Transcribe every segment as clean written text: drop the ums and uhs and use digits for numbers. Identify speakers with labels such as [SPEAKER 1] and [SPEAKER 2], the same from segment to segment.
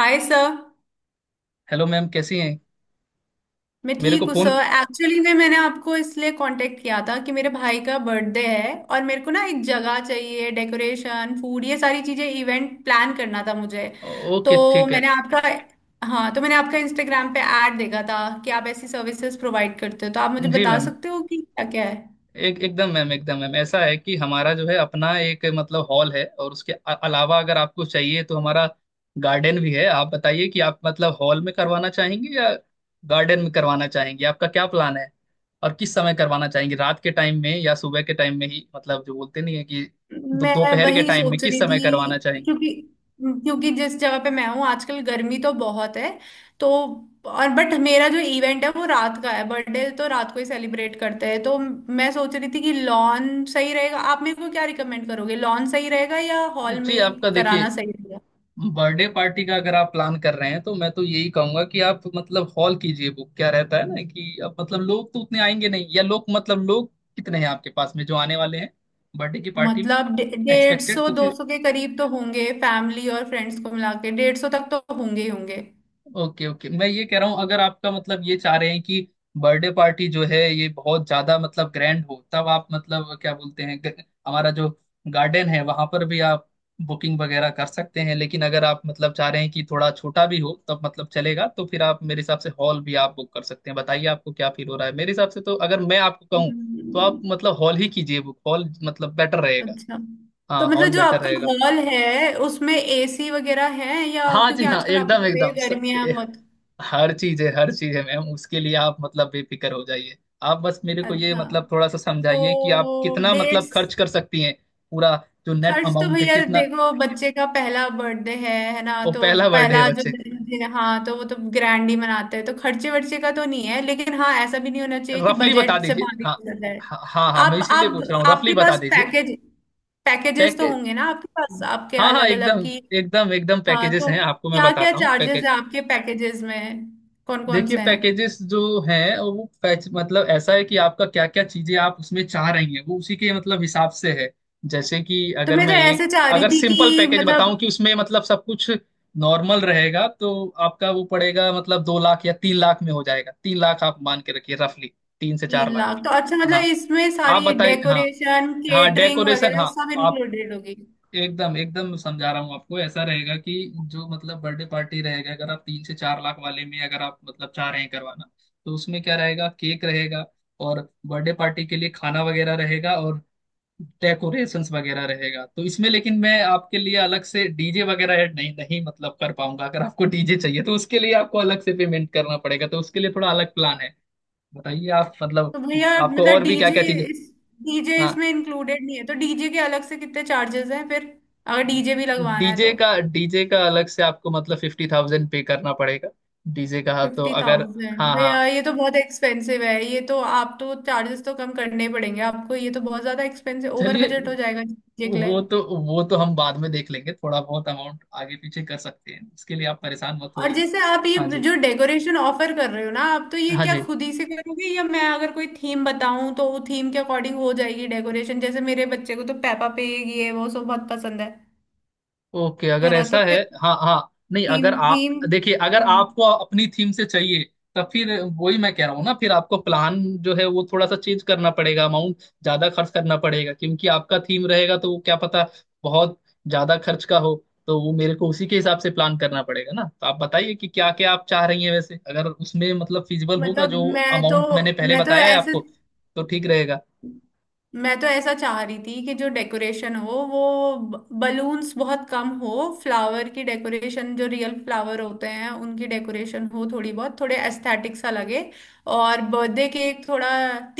[SPEAKER 1] हाय sir.
[SPEAKER 2] Hello ma'am, कैसी हैं?
[SPEAKER 1] मैं
[SPEAKER 2] मेरे को
[SPEAKER 1] ठीक हूँ
[SPEAKER 2] फोन।
[SPEAKER 1] सर। एक्चुअली में मैंने आपको इसलिए कांटेक्ट किया था कि मेरे भाई का बर्थडे है और मेरे को ना एक जगह चाहिए, डेकोरेशन, फूड, ये सारी चीज़ें। इवेंट प्लान करना था मुझे।
[SPEAKER 2] ओके,
[SPEAKER 1] तो
[SPEAKER 2] ठीक है।
[SPEAKER 1] मैंने आपका हाँ तो मैंने आपका इंस्टाग्राम पे ऐड देखा था कि आप ऐसी सर्विसेज प्रोवाइड करते हो। तो आप मुझे
[SPEAKER 2] जी
[SPEAKER 1] बता
[SPEAKER 2] मैम।
[SPEAKER 1] सकते हो कि क्या क्या है।
[SPEAKER 2] एक एकदम मैम ऐसा है कि हमारा जो है अपना एक मतलब हॉल है, और उसके अलावा अगर आपको चाहिए तो हमारा गार्डन भी है। आप बताइए कि आप मतलब हॉल में करवाना चाहेंगे या गार्डन में करवाना चाहेंगे, आपका क्या प्लान है? और किस समय करवाना चाहेंगे, रात के टाइम में या सुबह के टाइम में ही, मतलब जो बोलते नहीं है कि
[SPEAKER 1] मैं
[SPEAKER 2] दोपहर के
[SPEAKER 1] वही
[SPEAKER 2] टाइम में,
[SPEAKER 1] सोच
[SPEAKER 2] किस
[SPEAKER 1] रही
[SPEAKER 2] समय करवाना
[SPEAKER 1] थी।
[SPEAKER 2] चाहेंगे?
[SPEAKER 1] क्योंकि क्योंकि जिस जगह पे मैं हूँ आजकल गर्मी तो बहुत है। तो और बट मेरा जो इवेंट है वो रात का है। बर्थडे तो रात को ही सेलिब्रेट करते हैं। तो मैं सोच रही थी कि लॉन सही रहेगा। आप मेरे को क्या रिकमेंड करोगे, लॉन सही रहेगा या हॉल में
[SPEAKER 2] जी,
[SPEAKER 1] ही
[SPEAKER 2] आपका
[SPEAKER 1] कराना
[SPEAKER 2] देखिए
[SPEAKER 1] सही रहेगा?
[SPEAKER 2] बर्थडे पार्टी का अगर आप प्लान कर रहे हैं तो मैं तो यही कहूंगा कि आप मतलब हॉल कीजिए बुक। क्या रहता है ना कि अब मतलब लोग तो उतने आएंगे नहीं, या लोग मतलब लोग कितने हैं आपके पास में जो आने वाले हैं बर्थडे की पार्टी में
[SPEAKER 1] मतलब डेढ़
[SPEAKER 2] एक्सपेक्टेड
[SPEAKER 1] सौ
[SPEAKER 2] कुछ?
[SPEAKER 1] दो सौ के करीब तो होंगे। फैमिली और फ्रेंड्स को मिला के 150 तक तो होंगे ही
[SPEAKER 2] ओके ओके, मैं ये कह रहा हूँ अगर आपका मतलब ये चाह रहे हैं कि बर्थडे पार्टी जो है ये बहुत ज्यादा मतलब ग्रैंड हो, तब आप मतलब क्या बोलते हैं हमारा जो गार्डन है वहां पर भी आप बुकिंग वगैरह कर सकते हैं। लेकिन अगर आप मतलब चाह रहे हैं कि थोड़ा छोटा भी हो तब मतलब चलेगा, तो फिर आप मेरे हिसाब से हॉल भी आप बुक कर सकते हैं। बताइए आपको क्या फील हो रहा है? मेरे हिसाब से तो अगर मैं आपको कहूँ तो आप
[SPEAKER 1] होंगे।
[SPEAKER 2] मतलब हॉल ही कीजिए बुक, हॉल मतलब बेटर रहेगा।
[SPEAKER 1] अच्छा, तो
[SPEAKER 2] हाँ, हॉल
[SPEAKER 1] मतलब जो
[SPEAKER 2] बेटर
[SPEAKER 1] आपका
[SPEAKER 2] रहेगा।
[SPEAKER 1] हॉल है उसमें एसी वगैरह है? या
[SPEAKER 2] हाँ जी
[SPEAKER 1] क्योंकि
[SPEAKER 2] हाँ,
[SPEAKER 1] आजकल आपको
[SPEAKER 2] एकदम
[SPEAKER 1] पता ही है
[SPEAKER 2] एकदम,
[SPEAKER 1] गर्मियां बहुत।
[SPEAKER 2] हर चीज है, हर चीज है मैम, उसके लिए आप मतलब बेफिक्र हो जाइए। आप बस मेरे को ये
[SPEAKER 1] अच्छा
[SPEAKER 2] मतलब थोड़ा सा
[SPEAKER 1] तो
[SPEAKER 2] समझाइए कि आप कितना मतलब
[SPEAKER 1] डेट्स।
[SPEAKER 2] खर्च कर सकती हैं, पूरा जो नेट
[SPEAKER 1] खर्च तो
[SPEAKER 2] अमाउंट है
[SPEAKER 1] भैया
[SPEAKER 2] कितना?
[SPEAKER 1] देखो बच्चे का पहला बर्थडे है ना?
[SPEAKER 2] वो
[SPEAKER 1] तो
[SPEAKER 2] पहला बर्थडे है
[SPEAKER 1] पहला जो
[SPEAKER 2] बच्चे,
[SPEAKER 1] जन्मदिन है, हाँ, तो वो तो ग्रैंड ही मनाते हैं। तो खर्चे वर्चे का तो नहीं है, लेकिन हाँ ऐसा भी नहीं होना चाहिए कि
[SPEAKER 2] रफली बता
[SPEAKER 1] बजट से
[SPEAKER 2] दीजिए।
[SPEAKER 1] बाहर ही
[SPEAKER 2] हाँ
[SPEAKER 1] चला जाए।
[SPEAKER 2] हाँ हाँ हाँ, मैं
[SPEAKER 1] आप
[SPEAKER 2] इसीलिए
[SPEAKER 1] आप
[SPEAKER 2] पूछ रहा हूँ, रफली
[SPEAKER 1] आपके
[SPEAKER 2] बता
[SPEAKER 1] पास
[SPEAKER 2] दीजिए।
[SPEAKER 1] पैकेज, पैकेजेस तो
[SPEAKER 2] पैकेज,
[SPEAKER 1] होंगे ना आपके पास, आपके
[SPEAKER 2] हाँ हाँ
[SPEAKER 1] अलग अलग
[SPEAKER 2] एकदम,
[SPEAKER 1] की?
[SPEAKER 2] एकदम एकदम
[SPEAKER 1] हाँ
[SPEAKER 2] पैकेजेस
[SPEAKER 1] तो
[SPEAKER 2] हैं, आपको मैं
[SPEAKER 1] क्या क्या
[SPEAKER 2] बताता हूँ।
[SPEAKER 1] चार्जेस है आपके पैकेजेस में, कौन कौन
[SPEAKER 2] देखिए,
[SPEAKER 1] से हैं?
[SPEAKER 2] पैकेजेस जो है वो पैच मतलब ऐसा है कि आपका क्या क्या चीजें आप उसमें चाह रही हैं, वो उसी के मतलब हिसाब से है। जैसे कि
[SPEAKER 1] तो
[SPEAKER 2] अगर
[SPEAKER 1] मैं
[SPEAKER 2] मैं
[SPEAKER 1] तो
[SPEAKER 2] एक,
[SPEAKER 1] ऐसे चाह रही
[SPEAKER 2] अगर
[SPEAKER 1] थी
[SPEAKER 2] सिंपल
[SPEAKER 1] कि
[SPEAKER 2] पैकेज बताऊं
[SPEAKER 1] मतलब।
[SPEAKER 2] कि उसमें मतलब सब कुछ नॉर्मल रहेगा, तो आपका वो पड़ेगा मतलब दो लाख या तीन लाख में हो जाएगा। तीन लाख आप मान के रखिए रफली, तीन से चार
[SPEAKER 1] तीन
[SPEAKER 2] लाख।
[SPEAKER 1] लाख तो अच्छा, मतलब
[SPEAKER 2] हाँ,
[SPEAKER 1] इसमें
[SPEAKER 2] आप
[SPEAKER 1] सारी
[SPEAKER 2] बताइए, हाँ,
[SPEAKER 1] डेकोरेशन
[SPEAKER 2] हाँ
[SPEAKER 1] केटरिंग
[SPEAKER 2] डेकोरेशन,
[SPEAKER 1] वगैरह
[SPEAKER 2] हाँ।
[SPEAKER 1] सब
[SPEAKER 2] आप
[SPEAKER 1] इंक्लूडेड होगी?
[SPEAKER 2] एकदम एकदम समझा रहा हूँ आपको, ऐसा रहेगा कि जो मतलब बर्थडे पार्टी रहेगा, अगर आप तीन से चार लाख वाले में अगर आप मतलब चाह रहे हैं करवाना, तो उसमें क्या रहेगा, केक रहेगा, और बर्थडे पार्टी के लिए खाना वगैरह रहेगा, और डेकोरेशंस वगैरह रहेगा। तो इसमें लेकिन मैं आपके लिए अलग से डीजे वगैरह ऐड नहीं, नहीं मतलब कर पाऊंगा। अगर आपको डीजे चाहिए तो उसके लिए आपको अलग से पेमेंट करना पड़ेगा, तो उसके लिए थोड़ा अलग प्लान है। बताइए, आप मतलब
[SPEAKER 1] तो भैया
[SPEAKER 2] आपको
[SPEAKER 1] मतलब
[SPEAKER 2] और भी क्या
[SPEAKER 1] डीजे,
[SPEAKER 2] क्या चीजें?
[SPEAKER 1] इस डीजे इसमें इंक्लूडेड नहीं है तो डीजे के अलग से कितने चार्जेस हैं फिर, अगर डीजे भी लगवाना है
[SPEAKER 2] डीजे
[SPEAKER 1] तो?
[SPEAKER 2] का, डीजे का अलग से आपको मतलब फिफ्टी थाउजेंड पे करना पड़ेगा डीजे का। हाँ, तो
[SPEAKER 1] फिफ्टी
[SPEAKER 2] अगर
[SPEAKER 1] थाउजेंड
[SPEAKER 2] हाँ हाँ,
[SPEAKER 1] भैया ये तो बहुत एक्सपेंसिव है। ये तो आप तो चार्जेस तो कम करने ही पड़ेंगे आपको। ये तो बहुत ज्यादा एक्सपेंसिव ओवर
[SPEAKER 2] चलिए,
[SPEAKER 1] बजट हो जाएगा डीजे के लिए।
[SPEAKER 2] वो तो हम बाद में देख लेंगे, थोड़ा बहुत अमाउंट आगे पीछे कर सकते हैं, उसके लिए आप परेशान मत
[SPEAKER 1] और
[SPEAKER 2] होइए।
[SPEAKER 1] जैसे आप
[SPEAKER 2] हाँ
[SPEAKER 1] ये
[SPEAKER 2] जी
[SPEAKER 1] जो डेकोरेशन ऑफर कर रहे हो ना आप, तो ये
[SPEAKER 2] हाँ
[SPEAKER 1] क्या
[SPEAKER 2] जी,
[SPEAKER 1] खुद ही से करोगे, या मैं अगर कोई थीम बताऊं तो वो थीम के अकॉर्डिंग हो जाएगी डेकोरेशन? जैसे मेरे बच्चे को तो पेपा पिग ये वो सब बहुत पसंद है
[SPEAKER 2] ओके, अगर
[SPEAKER 1] है ना?
[SPEAKER 2] ऐसा
[SPEAKER 1] तो
[SPEAKER 2] है
[SPEAKER 1] फिर
[SPEAKER 2] हाँ हाँ, नहीं
[SPEAKER 1] थीम,
[SPEAKER 2] अगर आप
[SPEAKER 1] थीम
[SPEAKER 2] देखिए, अगर आपको अपनी थीम से चाहिए तब फिर वही मैं कह रहा हूँ ना, फिर आपको प्लान जो है वो थोड़ा सा चेंज करना पड़ेगा, अमाउंट ज्यादा खर्च करना पड़ेगा, क्योंकि आपका थीम रहेगा तो वो क्या पता बहुत ज्यादा खर्च का हो, तो वो मेरे को उसी के हिसाब से प्लान करना पड़ेगा ना। तो आप बताइए कि क्या क्या आप चाह रही हैं, वैसे अगर उसमें मतलब फिजिबल होगा
[SPEAKER 1] मतलब
[SPEAKER 2] जो अमाउंट मैंने पहले
[SPEAKER 1] मैं तो
[SPEAKER 2] बताया है
[SPEAKER 1] ऐसे
[SPEAKER 2] आपको तो ठीक रहेगा।
[SPEAKER 1] मैं तो ऐसा चाह रही थी कि जो डेकोरेशन हो वो बलून्स बहुत कम हो, फ्लावर की डेकोरेशन, जो रियल फ्लावर होते हैं उनकी डेकोरेशन हो थोड़ी बहुत, थोड़े एस्थेटिक सा लगे। और बर्थडे केक थोड़ा,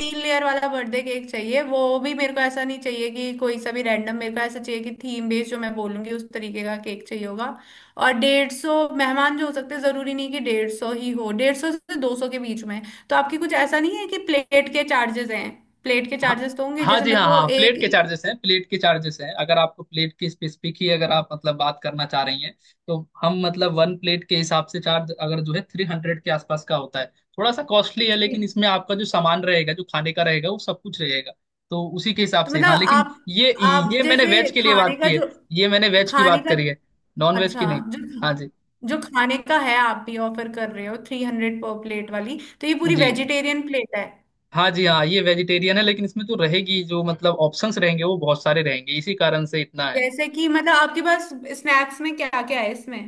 [SPEAKER 1] 3 लेयर वाला बर्थडे केक चाहिए। वो भी मेरे को ऐसा नहीं चाहिए कि कोई सा भी रैंडम। मेरे को ऐसा चाहिए कि थीम बेस्ड, जो मैं बोलूंगी उस तरीके का केक चाहिए होगा। और 150 मेहमान जो हो सकते हैं, जरूरी नहीं कि डेढ़ सौ ही हो, डेढ़ सौ से दो सौ के बीच में। तो आपकी कुछ ऐसा नहीं है कि प्लेट के चार्जेस हैं? प्लेट के
[SPEAKER 2] हाँ,
[SPEAKER 1] चार्जेस तो होंगे,
[SPEAKER 2] हाँ
[SPEAKER 1] जैसे
[SPEAKER 2] जी
[SPEAKER 1] मेरे
[SPEAKER 2] हाँ
[SPEAKER 1] को
[SPEAKER 2] हाँ, प्लेट
[SPEAKER 1] एक।
[SPEAKER 2] के चार्जेस हैं, प्लेट के चार्जेस हैं। अगर आपको प्लेट की स्पेसिफिक ही अगर आप मतलब बात करना चाह रही हैं, तो हम मतलब वन प्लेट के हिसाब से चार्ज अगर जो है थ्री हंड्रेड के आसपास का होता है, थोड़ा सा कॉस्टली है, लेकिन इसमें आपका जो सामान रहेगा, जो खाने का रहेगा वो सब कुछ रहेगा, तो उसी के हिसाब
[SPEAKER 1] तो
[SPEAKER 2] से। हाँ,
[SPEAKER 1] मतलब
[SPEAKER 2] लेकिन
[SPEAKER 1] आप
[SPEAKER 2] ये
[SPEAKER 1] आप
[SPEAKER 2] ये मैंने
[SPEAKER 1] जैसे
[SPEAKER 2] वेज के लिए
[SPEAKER 1] खाने
[SPEAKER 2] बात
[SPEAKER 1] का
[SPEAKER 2] की है,
[SPEAKER 1] जो,
[SPEAKER 2] ये मैंने वेज की
[SPEAKER 1] खाने
[SPEAKER 2] बात
[SPEAKER 1] का
[SPEAKER 2] करी है, नॉन वेज की
[SPEAKER 1] अच्छा,
[SPEAKER 2] नहीं।
[SPEAKER 1] जो
[SPEAKER 2] हाँ जी,
[SPEAKER 1] जो खाने का है आप भी ऑफर कर रहे हो 300 पर प्लेट वाली, तो ये पूरी
[SPEAKER 2] जी,
[SPEAKER 1] वेजिटेरियन प्लेट है?
[SPEAKER 2] हाँ जी हाँ, ये वेजिटेरियन है, लेकिन इसमें तो रहेगी जो मतलब ऑप्शंस रहेंगे वो बहुत सारे रहेंगे, इसी कारण से इतना है।
[SPEAKER 1] जैसे कि मतलब आपके पास स्नैक्स में क्या क्या है इसमें,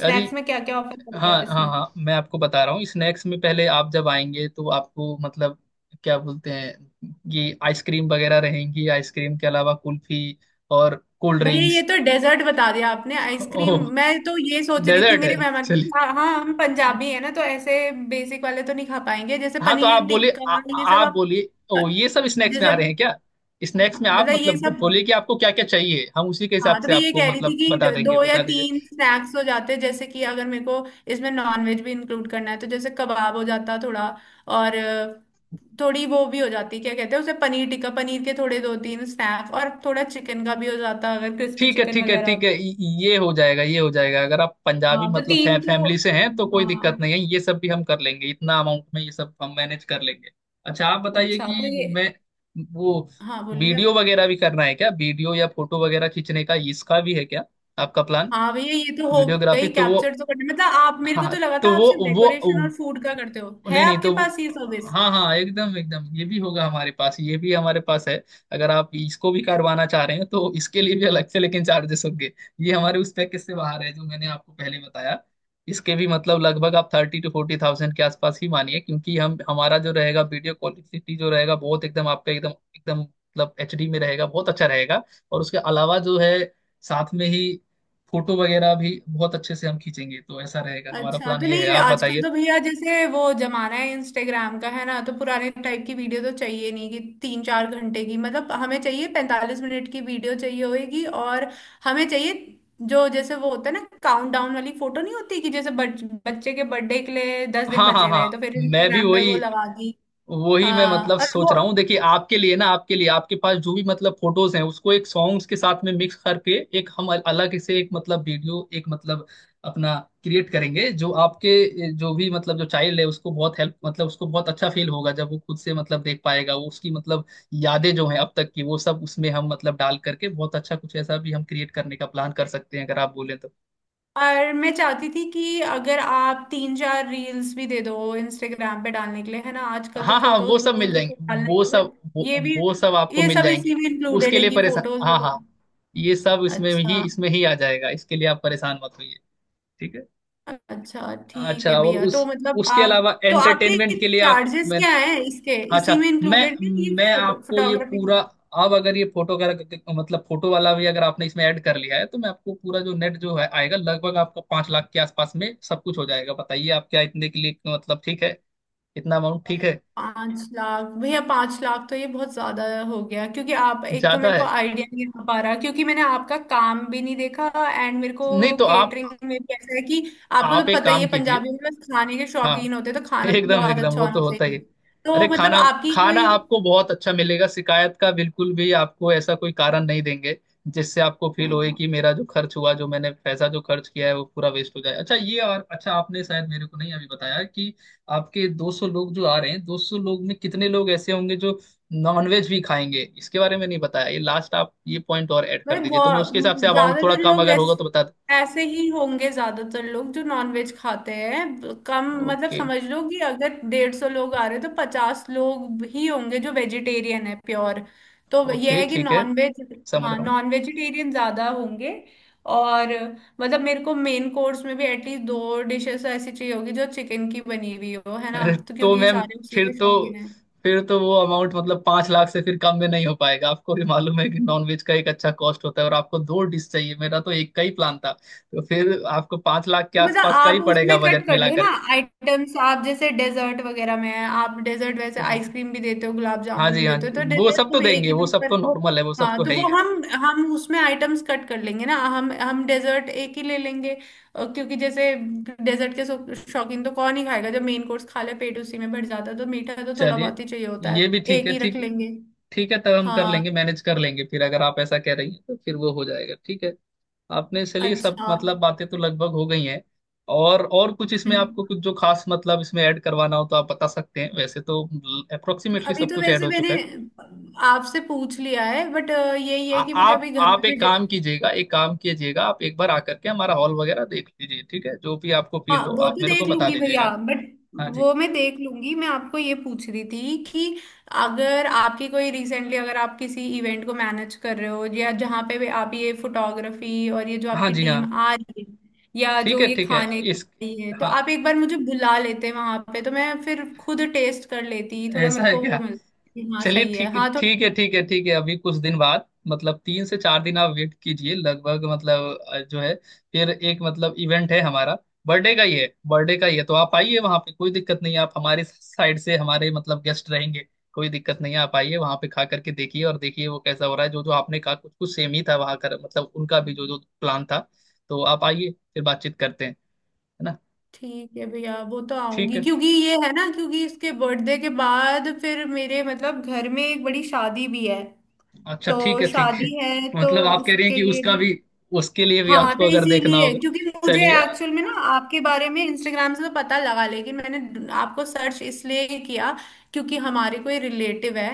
[SPEAKER 2] हाँ जी,
[SPEAKER 1] में क्या क्या ऑफर करोगे
[SPEAKER 2] हाँ
[SPEAKER 1] आप
[SPEAKER 2] हाँ
[SPEAKER 1] इसमें?
[SPEAKER 2] हाँ, मैं आपको बता रहा हूँ। स्नैक्स में पहले आप जब आएंगे तो आपको मतलब क्या बोलते हैं, ये आइसक्रीम वगैरह रहेंगी, आइसक्रीम के अलावा कुल्फी, और कोल्ड
[SPEAKER 1] भैया ये
[SPEAKER 2] ड्रिंक्स।
[SPEAKER 1] तो डेजर्ट बता दिया आपने, आइसक्रीम।
[SPEAKER 2] ओह,
[SPEAKER 1] मैं तो ये सोच रही थी
[SPEAKER 2] डेजर्ट है,
[SPEAKER 1] मेरे मेहमान की।
[SPEAKER 2] चलिए।
[SPEAKER 1] हाँ हाँ, हम पंजाबी है ना, तो ऐसे बेसिक वाले तो नहीं खा पाएंगे। जैसे
[SPEAKER 2] हाँ तो आप
[SPEAKER 1] पनीर
[SPEAKER 2] बोले
[SPEAKER 1] टिक्का ये सब
[SPEAKER 2] आप
[SPEAKER 1] आप,
[SPEAKER 2] बोलिए, ओ ये सब स्नैक्स में
[SPEAKER 1] जैसे
[SPEAKER 2] आ रहे हैं क्या? स्नैक्स में आप
[SPEAKER 1] मतलब ये
[SPEAKER 2] मतलब वो
[SPEAKER 1] सब।
[SPEAKER 2] बोलिए कि आपको क्या क्या चाहिए, हम उसी के
[SPEAKER 1] हाँ
[SPEAKER 2] हिसाब
[SPEAKER 1] तो
[SPEAKER 2] से
[SPEAKER 1] मैं ये
[SPEAKER 2] आपको
[SPEAKER 1] कह रही
[SPEAKER 2] मतलब
[SPEAKER 1] थी कि
[SPEAKER 2] बता
[SPEAKER 1] दो
[SPEAKER 2] देंगे,
[SPEAKER 1] या
[SPEAKER 2] बता दीजिए।
[SPEAKER 1] तीन स्नैक्स हो जाते, जैसे कि अगर मेरे को इसमें नॉनवेज भी इंक्लूड करना है तो जैसे कबाब हो जाता थोड़ा, और थोड़ी वो भी हो जाती, क्या कहते हैं उसे, पनीर टिक्का, पनीर के थोड़े दो तीन स्नैक्स, और थोड़ा चिकन का भी हो जाता अगर क्रिस्पी
[SPEAKER 2] ठीक है
[SPEAKER 1] चिकन
[SPEAKER 2] ठीक है
[SPEAKER 1] वगैरह
[SPEAKER 2] ठीक है
[SPEAKER 1] होता।
[SPEAKER 2] ये हो जाएगा अगर आप पंजाबी
[SPEAKER 1] हाँ तो
[SPEAKER 2] मतलब
[SPEAKER 1] तीन तो।
[SPEAKER 2] फैमिली से हैं तो कोई दिक्कत
[SPEAKER 1] हाँ।
[SPEAKER 2] नहीं है, ये सब भी हम कर लेंगे, इतना अमाउंट में ये सब हम मैनेज कर लेंगे। अच्छा, आप बताइए
[SPEAKER 1] अच्छा तो
[SPEAKER 2] कि
[SPEAKER 1] ये।
[SPEAKER 2] मैं, वो
[SPEAKER 1] हाँ बोलिए
[SPEAKER 2] वीडियो
[SPEAKER 1] आप।
[SPEAKER 2] वगैरह भी करना है क्या, वीडियो या फोटो वगैरह खींचने का, इसका भी है क्या आपका प्लान?
[SPEAKER 1] हाँ भैया ये तो हो
[SPEAKER 2] वीडियोग्राफी
[SPEAKER 1] गई
[SPEAKER 2] तो वो,
[SPEAKER 1] कैप्चर तो करने, मतलब आप, मेरे को
[SPEAKER 2] हाँ
[SPEAKER 1] तो लगा था
[SPEAKER 2] तो
[SPEAKER 1] आप
[SPEAKER 2] वो
[SPEAKER 1] सिर्फ
[SPEAKER 2] वो
[SPEAKER 1] डेकोरेशन और फूड का करते हो।
[SPEAKER 2] नहीं
[SPEAKER 1] है
[SPEAKER 2] नहीं
[SPEAKER 1] आपके
[SPEAKER 2] तो
[SPEAKER 1] पास ये सर्विस?
[SPEAKER 2] हाँ हाँ एकदम एकदम, ये भी होगा हमारे पास, ये भी हमारे पास है। अगर आप इसको भी करवाना चाह रहे हैं तो इसके लिए भी अलग से लेकिन चार्जेस होंगे, ये हमारे उस पैकेज से बाहर है जो मैंने आपको पहले बताया। इसके भी मतलब लगभग आप थर्टी टू फोर्टी थाउजेंड के आसपास ही मानिए, क्योंकि हम, हमारा जो रहेगा वीडियो क्वालिटी जो रहेगा बहुत एकदम आपका एकदम एकदम मतलब एचडी में रहेगा, बहुत अच्छा रहेगा। और उसके अलावा जो है साथ में ही फोटो वगैरह भी बहुत अच्छे से हम खींचेंगे, तो ऐसा रहेगा हमारा
[SPEAKER 1] अच्छा
[SPEAKER 2] प्लान,
[SPEAKER 1] तो
[SPEAKER 2] ये है,
[SPEAKER 1] नहीं,
[SPEAKER 2] आप
[SPEAKER 1] आजकल
[SPEAKER 2] बताइए।
[SPEAKER 1] तो भैया जैसे वो जमाना है इंस्टाग्राम का है ना, तो पुराने टाइप की वीडियो तो चाहिए नहीं कि तीन चार घंटे की, मतलब हमें चाहिए 45 मिनट की वीडियो चाहिए होगी। और हमें चाहिए जो, जैसे वो होता है ना काउंट डाउन वाली फोटो, नहीं होती कि जैसे बच्चे के बर्थडे के लिए 10 दिन
[SPEAKER 2] हाँ हाँ
[SPEAKER 1] बचे हुए हैं, तो
[SPEAKER 2] हाँ,
[SPEAKER 1] फिर
[SPEAKER 2] मैं भी
[SPEAKER 1] इंस्टाग्राम पे
[SPEAKER 2] वही,
[SPEAKER 1] वो लगा दी।
[SPEAKER 2] मैं
[SPEAKER 1] हाँ
[SPEAKER 2] मतलब
[SPEAKER 1] और
[SPEAKER 2] सोच
[SPEAKER 1] वो।
[SPEAKER 2] रहा हूँ, देखिए, आपके लिए ना, आपके लिए आपके पास जो भी मतलब फोटोज हैं उसको एक सॉन्ग्स के साथ में मिक्स करके, एक हम अलग से एक मतलब वीडियो, एक मतलब अपना क्रिएट करेंगे, जो आपके जो भी मतलब जो चाइल्ड है उसको बहुत हेल्प मतलब उसको बहुत अच्छा फील होगा जब वो खुद से मतलब देख पाएगा। वो उसकी मतलब यादें जो हैं अब तक की, वो सब उसमें हम मतलब डाल करके, बहुत अच्छा कुछ ऐसा भी हम क्रिएट करने का प्लान कर सकते हैं, अगर आप बोले तो।
[SPEAKER 1] और मैं चाहती थी कि अगर आप तीन चार रील्स भी दे दो इंस्टाग्राम पे डालने के लिए, है ना आजकल तो
[SPEAKER 2] हाँ हाँ, वो
[SPEAKER 1] फोटोज
[SPEAKER 2] सब मिल
[SPEAKER 1] वोटोज
[SPEAKER 2] जाएंगे,
[SPEAKER 1] तो डालना
[SPEAKER 2] वो
[SPEAKER 1] ही, बट
[SPEAKER 2] सब वो,
[SPEAKER 1] ये भी,
[SPEAKER 2] वो सब आपको
[SPEAKER 1] ये
[SPEAKER 2] मिल
[SPEAKER 1] सब
[SPEAKER 2] जाएंगे
[SPEAKER 1] इसी में इंक्लूडेड
[SPEAKER 2] उसके
[SPEAKER 1] है
[SPEAKER 2] लिए।
[SPEAKER 1] कि
[SPEAKER 2] परेशान
[SPEAKER 1] फोटोज
[SPEAKER 2] हाँ हाँ,
[SPEAKER 1] वगैरह?
[SPEAKER 2] ये सब इसमें ही
[SPEAKER 1] अच्छा।
[SPEAKER 2] इसमें ही आ जाएगा, इसके लिए आप परेशान मत होइए। ठीक है।
[SPEAKER 1] अच्छा ठीक
[SPEAKER 2] अच्छा,
[SPEAKER 1] है
[SPEAKER 2] और
[SPEAKER 1] भैया।
[SPEAKER 2] उस
[SPEAKER 1] तो मतलब
[SPEAKER 2] उसके
[SPEAKER 1] आप
[SPEAKER 2] अलावा
[SPEAKER 1] तो आपके
[SPEAKER 2] एंटरटेनमेंट के लिए आप,
[SPEAKER 1] चार्जेस
[SPEAKER 2] मैं,
[SPEAKER 1] क्या हैं इसके, इसी
[SPEAKER 2] अच्छा
[SPEAKER 1] में
[SPEAKER 2] मैं
[SPEAKER 1] इंक्लूडेड है ये
[SPEAKER 2] मैं
[SPEAKER 1] फोटो,
[SPEAKER 2] आपको ये
[SPEAKER 1] फोटोग्राफी?
[SPEAKER 2] पूरा, अब अगर ये फोटो का मतलब फोटो वाला भी अगर आपने इसमें ऐड कर लिया है तो मैं आपको पूरा जो नेट जो है आएगा लगभग आपका पांच लाख के आसपास में सब कुछ हो जाएगा। बताइए आप, क्या इतने के लिए मतलब ठीक है, इतना अमाउंट ठीक है?
[SPEAKER 1] 5 लाख? भैया पांच लाख तो ये बहुत ज्यादा हो गया, क्योंकि आप, एक तो
[SPEAKER 2] ज्यादा
[SPEAKER 1] मेरे
[SPEAKER 2] है,
[SPEAKER 1] को आइडिया नहीं आ पा रहा क्योंकि मैंने आपका काम भी नहीं देखा। एंड मेरे को
[SPEAKER 2] नहीं तो
[SPEAKER 1] केटरिंग में भी ऐसा है कि आपको
[SPEAKER 2] आप
[SPEAKER 1] तो
[SPEAKER 2] एक
[SPEAKER 1] पता ही
[SPEAKER 2] काम
[SPEAKER 1] है
[SPEAKER 2] कीजिए।
[SPEAKER 1] पंजाबियों में बस खाने के
[SPEAKER 2] हाँ
[SPEAKER 1] शौकीन होते हैं, तो खाना तो
[SPEAKER 2] एकदम
[SPEAKER 1] बहुत
[SPEAKER 2] एकदम,
[SPEAKER 1] अच्छा
[SPEAKER 2] वो
[SPEAKER 1] होना
[SPEAKER 2] तो होता ही
[SPEAKER 1] चाहिए।
[SPEAKER 2] है। अरे,
[SPEAKER 1] तो मतलब
[SPEAKER 2] खाना,
[SPEAKER 1] आपकी
[SPEAKER 2] खाना
[SPEAKER 1] कोई।
[SPEAKER 2] आपको बहुत अच्छा मिलेगा, शिकायत का बिल्कुल भी आपको ऐसा कोई कारण नहीं देंगे जिससे आपको फील होए
[SPEAKER 1] हाँ।
[SPEAKER 2] कि मेरा जो खर्च हुआ, जो मैंने पैसा जो खर्च किया है वो पूरा वेस्ट हो जाए। अच्छा ये, और अच्छा आपने शायद मेरे को नहीं अभी बताया कि आपके 200 लोग जो आ रहे हैं, 200 लोग में कितने लोग ऐसे होंगे जो नॉनवेज भी खाएंगे, इसके बारे में नहीं बताया। ये लास्ट आप ये पॉइंट और ऐड
[SPEAKER 1] भाई
[SPEAKER 2] कर दीजिए, तो मैं
[SPEAKER 1] बहुत,
[SPEAKER 2] उसके हिसाब से अमाउंट थोड़ा
[SPEAKER 1] ज्यादातर
[SPEAKER 2] कम
[SPEAKER 1] लोग
[SPEAKER 2] अगर होगा तो
[SPEAKER 1] ऐसे
[SPEAKER 2] बता दें।
[SPEAKER 1] ऐसे ही होंगे, ज्यादातर लोग जो नॉनवेज खाते हैं, कम, मतलब
[SPEAKER 2] ओके
[SPEAKER 1] समझ लो कि अगर 150 लोग आ रहे हैं तो 50 लोग ही होंगे जो वेजिटेरियन है प्योर। तो यह
[SPEAKER 2] ओके,
[SPEAKER 1] है कि
[SPEAKER 2] ठीक है,
[SPEAKER 1] नॉनवेज,
[SPEAKER 2] समझ
[SPEAKER 1] हाँ
[SPEAKER 2] रहा हूँ।
[SPEAKER 1] नॉन वेजिटेरियन ज्यादा होंगे। और मतलब मेरे को मेन कोर्स में भी एटलीस्ट दो डिशेस ऐसी चाहिए होगी जो चिकन की बनी हुई हो, है ना?
[SPEAKER 2] अरे
[SPEAKER 1] तो
[SPEAKER 2] तो
[SPEAKER 1] क्योंकि
[SPEAKER 2] मैम,
[SPEAKER 1] सारे उसी
[SPEAKER 2] फिर
[SPEAKER 1] के
[SPEAKER 2] तो
[SPEAKER 1] शौकीन हैं।
[SPEAKER 2] फिर तो वो अमाउंट मतलब पांच लाख से फिर कम में नहीं हो पाएगा। आपको भी मालूम है कि नॉनवेज का एक अच्छा कॉस्ट होता है, और आपको दो डिश चाहिए, मेरा तो एक का ही प्लान था, तो फिर आपको पांच लाख के
[SPEAKER 1] तो मतलब
[SPEAKER 2] आसपास का
[SPEAKER 1] आप
[SPEAKER 2] ही
[SPEAKER 1] उसमें
[SPEAKER 2] पड़ेगा
[SPEAKER 1] कट
[SPEAKER 2] बजट
[SPEAKER 1] कर
[SPEAKER 2] मिला
[SPEAKER 1] लो ना
[SPEAKER 2] करके।
[SPEAKER 1] आइटम्स। आप जैसे डेजर्ट वगैरह में है, आप डेजर्ट वैसे
[SPEAKER 2] ओहो,
[SPEAKER 1] आइसक्रीम भी देते हो गुलाब
[SPEAKER 2] हाँ
[SPEAKER 1] जामुन
[SPEAKER 2] जी
[SPEAKER 1] भी
[SPEAKER 2] हाँ
[SPEAKER 1] देते हो,
[SPEAKER 2] जी,
[SPEAKER 1] तो
[SPEAKER 2] वो
[SPEAKER 1] डेजर्ट
[SPEAKER 2] सब तो
[SPEAKER 1] हम एक
[SPEAKER 2] देंगे,
[SPEAKER 1] ही
[SPEAKER 2] वो सब
[SPEAKER 1] प्रिफर।
[SPEAKER 2] तो नॉर्मल है, वो सब
[SPEAKER 1] हाँ
[SPEAKER 2] तो
[SPEAKER 1] तो
[SPEAKER 2] है ही
[SPEAKER 1] वो
[SPEAKER 2] है।
[SPEAKER 1] हम, उसमें आइटम्स कट कर लेंगे ना। हम डेजर्ट एक ही ले लेंगे। क्योंकि जैसे डेजर्ट के शौकीन तो कौन ही खाएगा, जब मेन कोर्स खा ले पेट उसी में भर जाता है, तो मीठा तो थोड़ा
[SPEAKER 2] चलिए,
[SPEAKER 1] बहुत ही चाहिए होता है।
[SPEAKER 2] ये भी ठीक
[SPEAKER 1] एक
[SPEAKER 2] है,
[SPEAKER 1] ही रख
[SPEAKER 2] ठीक,
[SPEAKER 1] लेंगे।
[SPEAKER 2] ठीक है तब हम कर
[SPEAKER 1] हाँ।
[SPEAKER 2] लेंगे, मैनेज कर लेंगे, फिर अगर आप ऐसा कह रही हैं तो फिर वो हो जाएगा, ठीक है। आपने चलिए सब
[SPEAKER 1] अच्छा।
[SPEAKER 2] मतलब बातें तो लगभग हो गई हैं, और कुछ इसमें आपको
[SPEAKER 1] हम्म।
[SPEAKER 2] कुछ जो खास मतलब इसमें ऐड करवाना हो तो आप बता सकते हैं, वैसे तो अप्रोक्सीमेटली
[SPEAKER 1] अभी
[SPEAKER 2] सब
[SPEAKER 1] तो
[SPEAKER 2] कुछ ऐड
[SPEAKER 1] वैसे
[SPEAKER 2] हो
[SPEAKER 1] मैंने
[SPEAKER 2] चुका है।
[SPEAKER 1] आपसे पूछ लिया है बट यही है कि मुझे अभी घर
[SPEAKER 2] आप
[SPEAKER 1] में भी।
[SPEAKER 2] एक काम कीजिएगा, एक काम कीजिएगा, आप एक बार आकर के हमारा हॉल वगैरह देख लीजिए, ठीक है, जो भी आपको फील
[SPEAKER 1] हाँ
[SPEAKER 2] हो
[SPEAKER 1] वो
[SPEAKER 2] आप
[SPEAKER 1] तो
[SPEAKER 2] मेरे को
[SPEAKER 1] देख
[SPEAKER 2] बता
[SPEAKER 1] लूंगी
[SPEAKER 2] दीजिएगा।
[SPEAKER 1] भैया बट,
[SPEAKER 2] हाँ जी
[SPEAKER 1] वो मैं देख लूंगी। मैं आपको ये पूछ रही थी कि अगर आपकी कोई रिसेंटली अगर आप किसी इवेंट को मैनेज कर रहे हो, या जहाँ पे भी आप ये फोटोग्राफी और ये जो
[SPEAKER 2] हाँ
[SPEAKER 1] आपकी
[SPEAKER 2] जी हाँ,
[SPEAKER 1] टीम आ रही है, या
[SPEAKER 2] ठीक
[SPEAKER 1] जो
[SPEAKER 2] है
[SPEAKER 1] ये
[SPEAKER 2] ठीक है।
[SPEAKER 1] खाने खा
[SPEAKER 2] इस,
[SPEAKER 1] रही है, तो
[SPEAKER 2] हाँ
[SPEAKER 1] आप एक बार मुझे बुला लेते वहां पे, तो मैं फिर खुद टेस्ट कर लेती थोड़ा।
[SPEAKER 2] ऐसा
[SPEAKER 1] मेरे
[SPEAKER 2] है
[SPEAKER 1] को
[SPEAKER 2] क्या,
[SPEAKER 1] वो मिलता कि हाँ
[SPEAKER 2] चलिए
[SPEAKER 1] सही है,
[SPEAKER 2] ठीक,
[SPEAKER 1] हाँ थोड़ा।
[SPEAKER 2] ठीक है ठीक है ठीक है। अभी कुछ दिन बाद मतलब तीन से चार दिन आप वेट कीजिए, लगभग मतलब जो है, फिर एक मतलब इवेंट है हमारा, बर्थडे का ही है, बर्थडे का ही है, तो आप आइए, वहाँ पे कोई दिक्कत नहीं है, आप हमारे साइड से हमारे मतलब गेस्ट रहेंगे, कोई दिक्कत नहीं है, आप आइए वहाँ पे, खा करके देखिए और देखिए वो कैसा हो रहा है। जो जो आपने कहा कुछ कुछ सेम ही था वहाँ कर मतलब उनका भी जो जो प्लान था, तो आप आइए, फिर बातचीत करते हैं, है ना?
[SPEAKER 1] ठीक है भैया वो तो
[SPEAKER 2] ठीक
[SPEAKER 1] आऊंगी,
[SPEAKER 2] है।
[SPEAKER 1] क्योंकि ये है ना, क्योंकि इसके बर्थडे के बाद फिर मेरे मतलब घर में एक बड़ी शादी भी है।
[SPEAKER 2] अच्छा ठीक
[SPEAKER 1] तो
[SPEAKER 2] है ठीक है,
[SPEAKER 1] शादी है तो
[SPEAKER 2] मतलब आप कह रही हैं
[SPEAKER 1] उसके
[SPEAKER 2] कि
[SPEAKER 1] लिए
[SPEAKER 2] उसका
[SPEAKER 1] भी।
[SPEAKER 2] भी, उसके लिए भी
[SPEAKER 1] हाँ
[SPEAKER 2] आपको
[SPEAKER 1] तो
[SPEAKER 2] अगर देखना
[SPEAKER 1] इसीलिए,
[SPEAKER 2] होगा।
[SPEAKER 1] क्योंकि मुझे
[SPEAKER 2] चलिए
[SPEAKER 1] एक्चुअल में ना आपके बारे में इंस्टाग्राम से तो पता लगा, लेकिन मैंने आपको सर्च इसलिए किया क्योंकि हमारे कोई रिलेटिव है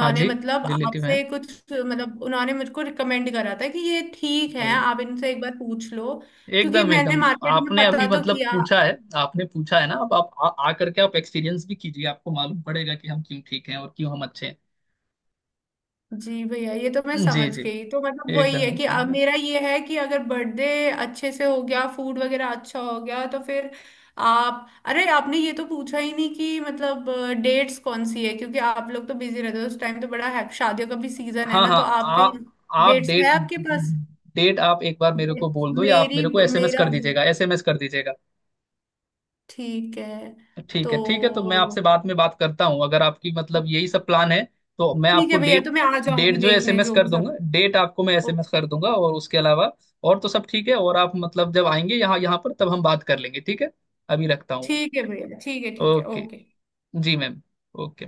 [SPEAKER 2] हाँ जी,
[SPEAKER 1] मतलब
[SPEAKER 2] रिलेटिव है,
[SPEAKER 1] आपसे कुछ, मतलब उन्होंने मुझको रिकमेंड करा था कि ये ठीक है
[SPEAKER 2] ओ,
[SPEAKER 1] आप इनसे एक बार पूछ लो, क्योंकि
[SPEAKER 2] एकदम
[SPEAKER 1] मैंने
[SPEAKER 2] एकदम।
[SPEAKER 1] मार्केट में
[SPEAKER 2] आपने अभी
[SPEAKER 1] पता तो
[SPEAKER 2] मतलब
[SPEAKER 1] किया।
[SPEAKER 2] पूछा है, आपने पूछा है ना, अब आप आ करके आप एक्सपीरियंस भी कीजिए, आपको मालूम पड़ेगा कि हम क्यों ठीक हैं और क्यों हम अच्छे
[SPEAKER 1] जी भैया ये तो मैं
[SPEAKER 2] हैं, जी
[SPEAKER 1] समझ
[SPEAKER 2] जी,
[SPEAKER 1] गई। तो मतलब वही
[SPEAKER 2] एकदम
[SPEAKER 1] है कि अब
[SPEAKER 2] एकदम।
[SPEAKER 1] मेरा ये है कि अगर बर्थडे अच्छे से हो गया फूड वगैरह अच्छा हो गया तो फिर। आप, अरे आपने ये तो पूछा ही नहीं कि मतलब डेट्स कौन सी है, क्योंकि आप लोग तो बिजी रहते हो उस टाइम तो बड़ा है शादियों का भी सीजन है
[SPEAKER 2] हाँ
[SPEAKER 1] ना,
[SPEAKER 2] हाँ
[SPEAKER 1] तो आपका
[SPEAKER 2] आप आप
[SPEAKER 1] डेट्स
[SPEAKER 2] डेट,
[SPEAKER 1] है आपके पास?
[SPEAKER 2] आप एक बार मेरे को बोल
[SPEAKER 1] Dates-
[SPEAKER 2] दो या आप
[SPEAKER 1] मेरी,
[SPEAKER 2] मेरे को एसएमएस
[SPEAKER 1] मेरा
[SPEAKER 2] कर
[SPEAKER 1] भी।
[SPEAKER 2] दीजिएगा, एसएमएस कर दीजिएगा।
[SPEAKER 1] ठीक है तो
[SPEAKER 2] ठीक है ठीक है, तो मैं आपसे बाद में बात करता हूँ, अगर आपकी मतलब
[SPEAKER 1] ठीक
[SPEAKER 2] यही सब प्लान है, तो मैं आपको
[SPEAKER 1] है भैया,
[SPEAKER 2] डेट,
[SPEAKER 1] तो मैं आ जाऊंगी
[SPEAKER 2] जो
[SPEAKER 1] देखने
[SPEAKER 2] एसएमएस
[SPEAKER 1] जो
[SPEAKER 2] कर
[SPEAKER 1] भी सब।
[SPEAKER 2] दूंगा, डेट आपको मैं
[SPEAKER 1] ओ,
[SPEAKER 2] एसएमएस कर दूंगा। और उसके अलावा और तो सब ठीक है, और आप मतलब जब आएंगे यहाँ, पर तब हम बात कर लेंगे, ठीक है। अभी रखता हूँ मैं।
[SPEAKER 1] ठीक है भैया ठीक है
[SPEAKER 2] ओके,
[SPEAKER 1] ओके।
[SPEAKER 2] जी मैम, ओके।